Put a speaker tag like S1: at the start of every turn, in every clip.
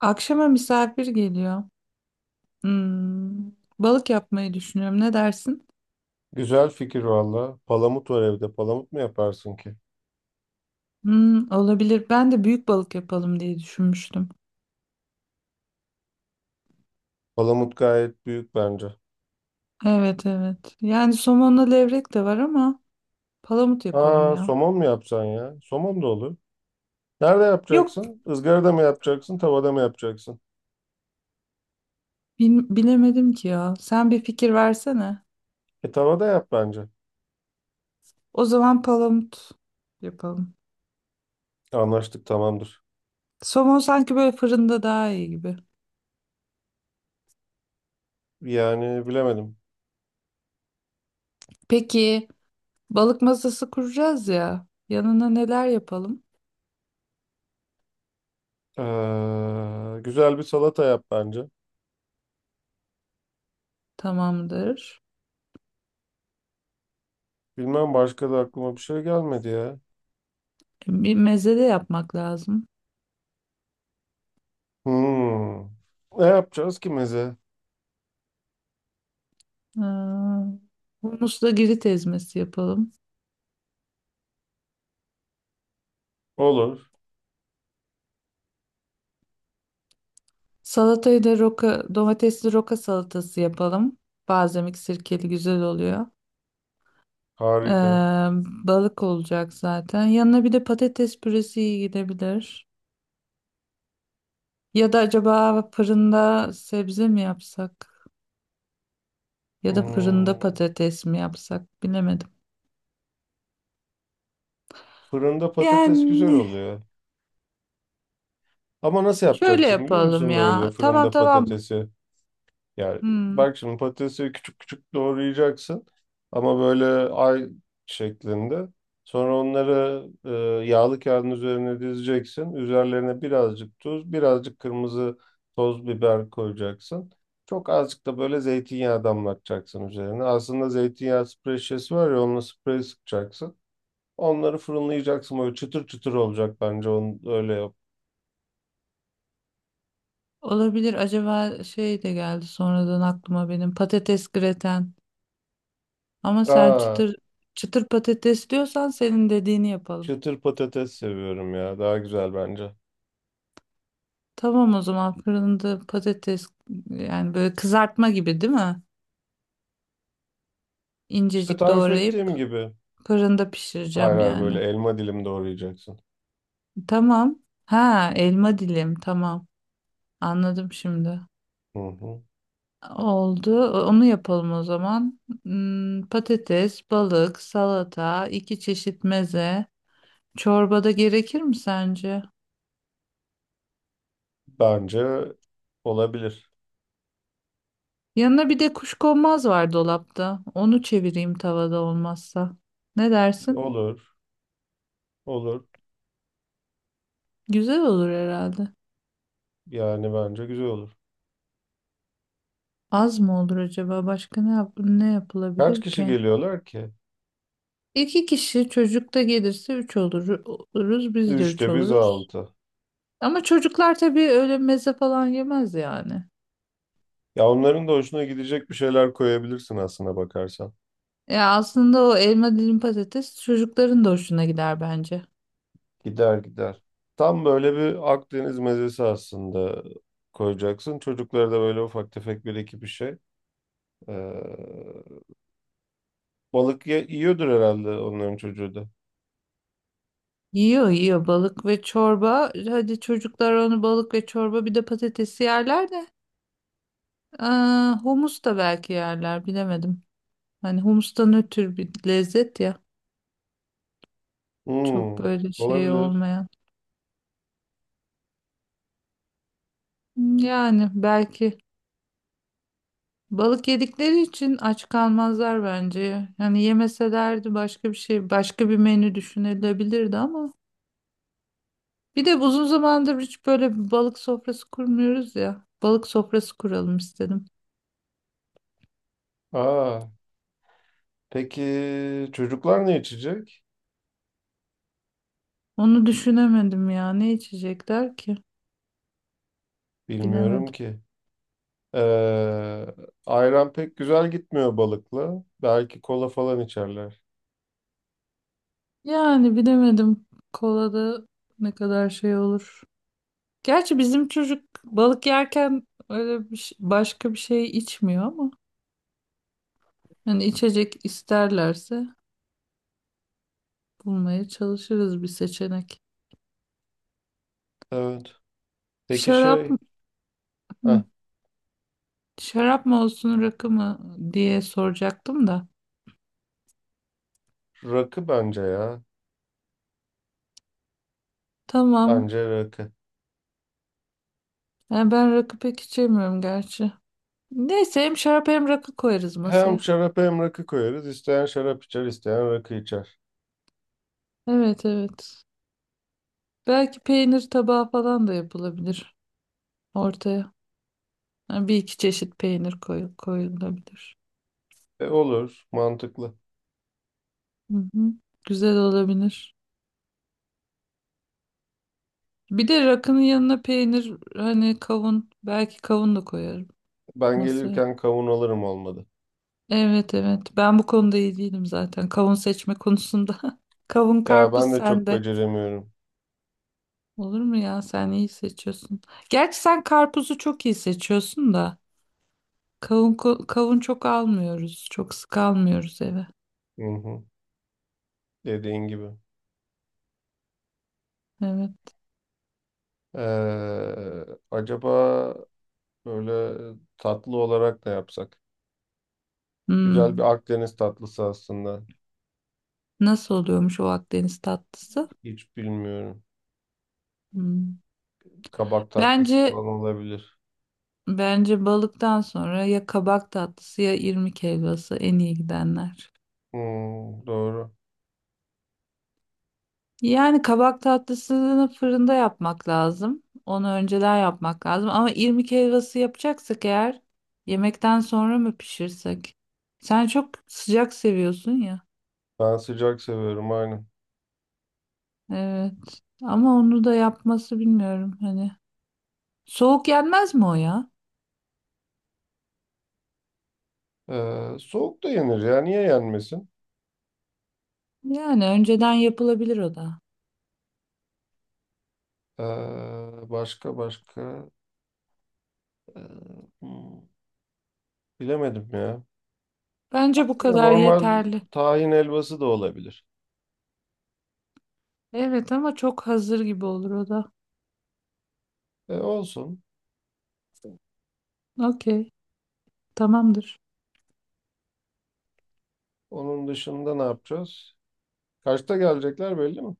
S1: Akşama misafir geliyor. Hmm, balık yapmayı düşünüyorum. Ne dersin?
S2: Güzel fikir valla. Palamut var evde. Palamut mu yaparsın ki?
S1: Hmm, olabilir. Ben de büyük balık yapalım diye düşünmüştüm.
S2: Palamut gayet büyük bence.
S1: Evet evet. Yani somonla levrek de var ama palamut yapalım
S2: Aa,
S1: ya.
S2: somon mu yapsan ya? Somon da olur. Nerede
S1: Yok
S2: yapacaksın? Izgarada mı yapacaksın? Tavada mı yapacaksın?
S1: bilemedim ki ya. Sen bir fikir versene.
S2: E tavada yap bence.
S1: O zaman palamut yapalım.
S2: Anlaştık tamamdır.
S1: Somon sanki böyle fırında daha iyi gibi.
S2: Yani bilemedim.
S1: Peki balık masası kuracağız ya. Yanına neler yapalım?
S2: Güzel bir salata yap bence.
S1: Tamamdır.
S2: Bilmem başka da aklıma bir şey gelmedi ya.
S1: Bir meze de yapmak lazım.
S2: Hmm. Ne yapacağız ki meze?
S1: Aa, humusla girit ezmesi yapalım.
S2: Olur.
S1: Salatayı da roka, domatesli roka salatası yapalım. Balzamik sirkeli güzel oluyor. Ee,
S2: Harika.
S1: Balık olacak zaten. Yanına bir de patates püresi iyi gidebilir. Ya da acaba fırında sebze mi yapsak? Ya da fırında
S2: Hmm.
S1: patates mi yapsak? Bilemedim.
S2: Fırında patates güzel
S1: Yani
S2: oluyor. Ama nasıl
S1: şöyle
S2: yapacaksın biliyor
S1: yapalım
S2: musun böyle
S1: ya. Tamam
S2: fırında
S1: tamam.
S2: patatesi? Yani
S1: Hmm,
S2: bak şimdi patatesi küçük küçük doğrayacaksın ama böyle ay şeklinde. Sonra onları yağlı kağıdın üzerine dizeceksin. Üzerlerine birazcık tuz, birazcık kırmızı toz biber koyacaksın. Çok azıcık da böyle zeytinyağı damlatacaksın üzerine. Aslında zeytinyağı sprey şişesi var ya onunla sprey sıkacaksın. Onları fırınlayacaksın böyle çıtır çıtır olacak bence onu öyle yap.
S1: olabilir. Acaba şey de geldi sonradan aklıma benim patates greten. Ama sen
S2: Aa.
S1: çıtır çıtır patates diyorsan senin dediğini yapalım.
S2: Çıtır patates seviyorum ya. Daha güzel bence.
S1: Tamam o zaman fırında patates yani böyle kızartma gibi değil mi?
S2: İşte
S1: İncecik
S2: tarif ettiğim
S1: doğrayıp
S2: gibi.
S1: fırında
S2: Hayır
S1: pişireceğim
S2: hayır böyle
S1: yani.
S2: elma dilim doğrayacaksın.
S1: Tamam. Ha elma dilim tamam. Anladım şimdi.
S2: Hı hı.
S1: Oldu. Onu yapalım o zaman. Hmm, patates, balık, salata, iki çeşit meze. Çorbada gerekir mi sence?
S2: Bence olabilir.
S1: Yanına bir de kuşkonmaz var dolapta. Onu çevireyim tavada olmazsa. Ne dersin?
S2: Olur. Olur.
S1: Güzel olur herhalde.
S2: Yani bence güzel olur.
S1: Az mı olur acaba? Başka ne
S2: Kaç
S1: yapılabilir
S2: kişi
S1: ki?
S2: geliyorlar ki?
S1: İki kişi, çocuk da gelirse üç olur, oluruz. Biz de üç
S2: Üçte biz
S1: oluruz.
S2: altı.
S1: Ama çocuklar tabii öyle meze falan yemez yani.
S2: Ya onların da hoşuna gidecek bir şeyler koyabilirsin aslına bakarsan.
S1: Ya aslında o elma dilim patates çocukların da hoşuna gider bence.
S2: Gider gider. Tam böyle bir Akdeniz mezesi aslında koyacaksın. Çocuklara da böyle ufak tefek bir iki bir şey. Ee, Balık yiyordur herhalde onların çocuğu da.
S1: Yiyor yiyor, balık ve çorba. Hadi çocuklar onu, balık ve çorba bir de patatesi yerler de. Aa, humus da belki yerler, bilemedim. Hani humustan ötürü bir lezzet ya. Çok
S2: Hmm,
S1: böyle şey
S2: olabilir.
S1: olmayan. Yani belki balık yedikleri için aç kalmazlar bence. Yani yemeselerdi başka bir şey, başka bir menü düşünülebilirdi ama. Bir de uzun zamandır hiç böyle bir balık sofrası kurmuyoruz ya. Balık sofrası kuralım istedim.
S2: Aa, peki çocuklar ne içecek?
S1: Onu düşünemedim ya. Ne içecekler ki?
S2: Bilmiyorum
S1: Bilemedim.
S2: ki. Ee, ayran pek güzel gitmiyor balıkla. Belki kola falan içerler.
S1: Yani bilemedim. Kolada ne kadar şey olur. Gerçi bizim çocuk balık yerken öyle başka bir şey içmiyor ama hani içecek isterlerse bulmaya çalışırız bir seçenek.
S2: Evet. Peki
S1: Şarap mı-
S2: heh,
S1: hı, şarap mı olsun rakı mı diye soracaktım da.
S2: rakı bence ya.
S1: Tamam.
S2: Bence rakı.
S1: Yani ben rakı pek içemiyorum gerçi. Neyse hem şarap hem rakı koyarız
S2: Hem
S1: masaya.
S2: şarap hem rakı koyarız. İsteyen şarap içer, isteyen rakı içer.
S1: Evet evet. Belki peynir tabağı falan da yapılabilir ortaya. Yani bir iki çeşit peynir koyulabilir.
S2: E, olur, mantıklı.
S1: Hı hı. Güzel olabilir. Bir de rakının yanına peynir, hani kavun, belki kavun da koyarım
S2: Ben
S1: masaya.
S2: gelirken kavun alırım olmadı.
S1: Evet evet, ben bu konuda iyi değilim zaten, kavun seçme konusunda. Kavun
S2: Ya
S1: karpuz
S2: ben de çok
S1: sende.
S2: beceremiyorum.
S1: Olur mu ya, sen iyi seçiyorsun. Gerçi sen karpuzu çok iyi seçiyorsun da kavun kavun çok almıyoruz. Çok sık almıyoruz eve.
S2: Hı hı. Dediğin gibi.
S1: Evet.
S2: Ee, acaba böyle tatlı olarak da yapsak? Güzel bir
S1: Hmm.
S2: Akdeniz tatlısı aslında.
S1: Nasıl oluyormuş o Akdeniz tatlısı?
S2: Hiç bilmiyorum.
S1: Hmm.
S2: Kabak tatlısı
S1: Bence
S2: falan olabilir.
S1: Bence balıktan sonra ya kabak tatlısı ya irmik helvası en iyi gidenler.
S2: Hmm, doğru.
S1: Yani kabak tatlısını fırında yapmak lazım. Onu önceden yapmak lazım. Ama irmik helvası yapacaksak eğer yemekten sonra mı pişirsek? Sen çok sıcak seviyorsun ya.
S2: Ben sıcak seviyorum aynen.
S1: Evet. Ama onu da yapması bilmiyorum hani. Soğuk yenmez mi o ya?
S2: Soğuk da yenir ya. Niye yenmesin?
S1: Yani önceden yapılabilir o da.
S2: Ee, başka başka. Ee, hmm, bilemedim ya.
S1: Bence bu
S2: Aslında
S1: kadar
S2: normal
S1: yeterli.
S2: tahin helvası da olabilir.
S1: Evet ama çok hazır gibi olur o da.
S2: E, olsun.
S1: Okey, tamamdır.
S2: Onun dışında ne yapacağız? Kaçta gelecekler belli mi?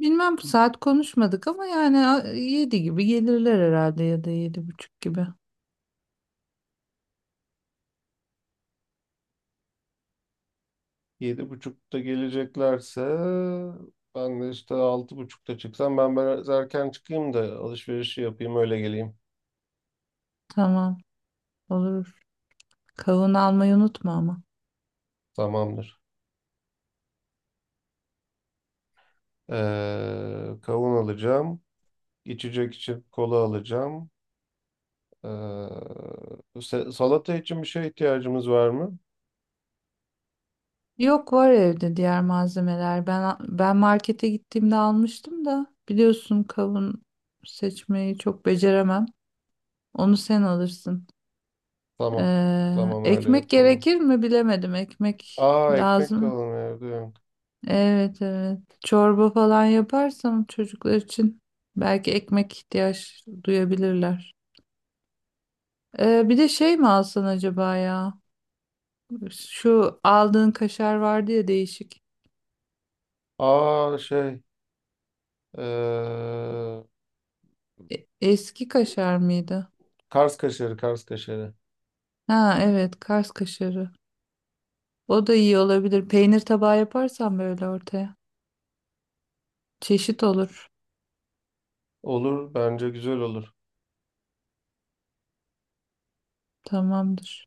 S1: Bilmem, bu saat konuşmadık ama yani yedi gibi gelirler herhalde ya da yedi buçuk gibi.
S2: 7.30'da geleceklerse ben de işte 6.30'da çıksam ben biraz erken çıkayım da alışverişi yapayım öyle geleyim.
S1: Tamam, olur. Kavun almayı unutma ama.
S2: Tamamdır. Kavun alacağım. İçecek için kola alacağım. Ee, salata için bir şeye ihtiyacımız var mı?
S1: Yok, var evde diğer malzemeler. Ben markete gittiğimde almıştım da, biliyorsun, kavun seçmeyi çok beceremem. Onu sen alırsın.
S2: Tamam. Tamam öyle
S1: Ekmek
S2: yapalım.
S1: gerekir mi bilemedim. Ekmek
S2: Aa, ekmek de
S1: lazım.
S2: alalım evde yok.
S1: Evet evet. Çorba falan yaparsam çocuklar için belki ekmek ihtiyaç duyabilirler. Bir de şey mi alsan acaba ya? Şu aldığın kaşar vardı ya, değişik.
S2: Aa, ee,
S1: Eski kaşar mıydı?
S2: Kars kaşarı, Kars kaşarı.
S1: Ha evet, Kars kaşarı. O da iyi olabilir. Peynir tabağı yaparsan böyle ortaya. Çeşit olur.
S2: Olur, bence güzel olur.
S1: Tamamdır.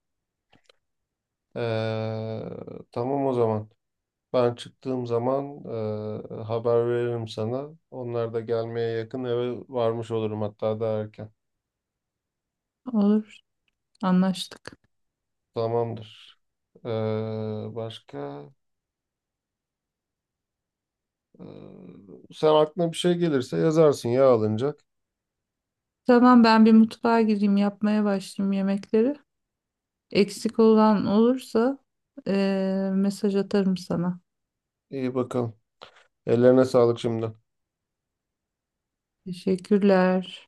S2: Ee, tamam o zaman. Ben çıktığım zaman haber veririm sana. Onlar da gelmeye yakın eve varmış olurum hatta daha erken.
S1: Olur. Anlaştık.
S2: Tamamdır. Başka? Ee, sen aklına bir şey gelirse yazarsın ya alınacak.
S1: Tamam, ben bir mutfağa gireyim, yapmaya başlayayım yemekleri. Eksik olan olursa mesaj atarım sana.
S2: İyi bakalım. Ellerine sağlık şimdi.
S1: Teşekkürler.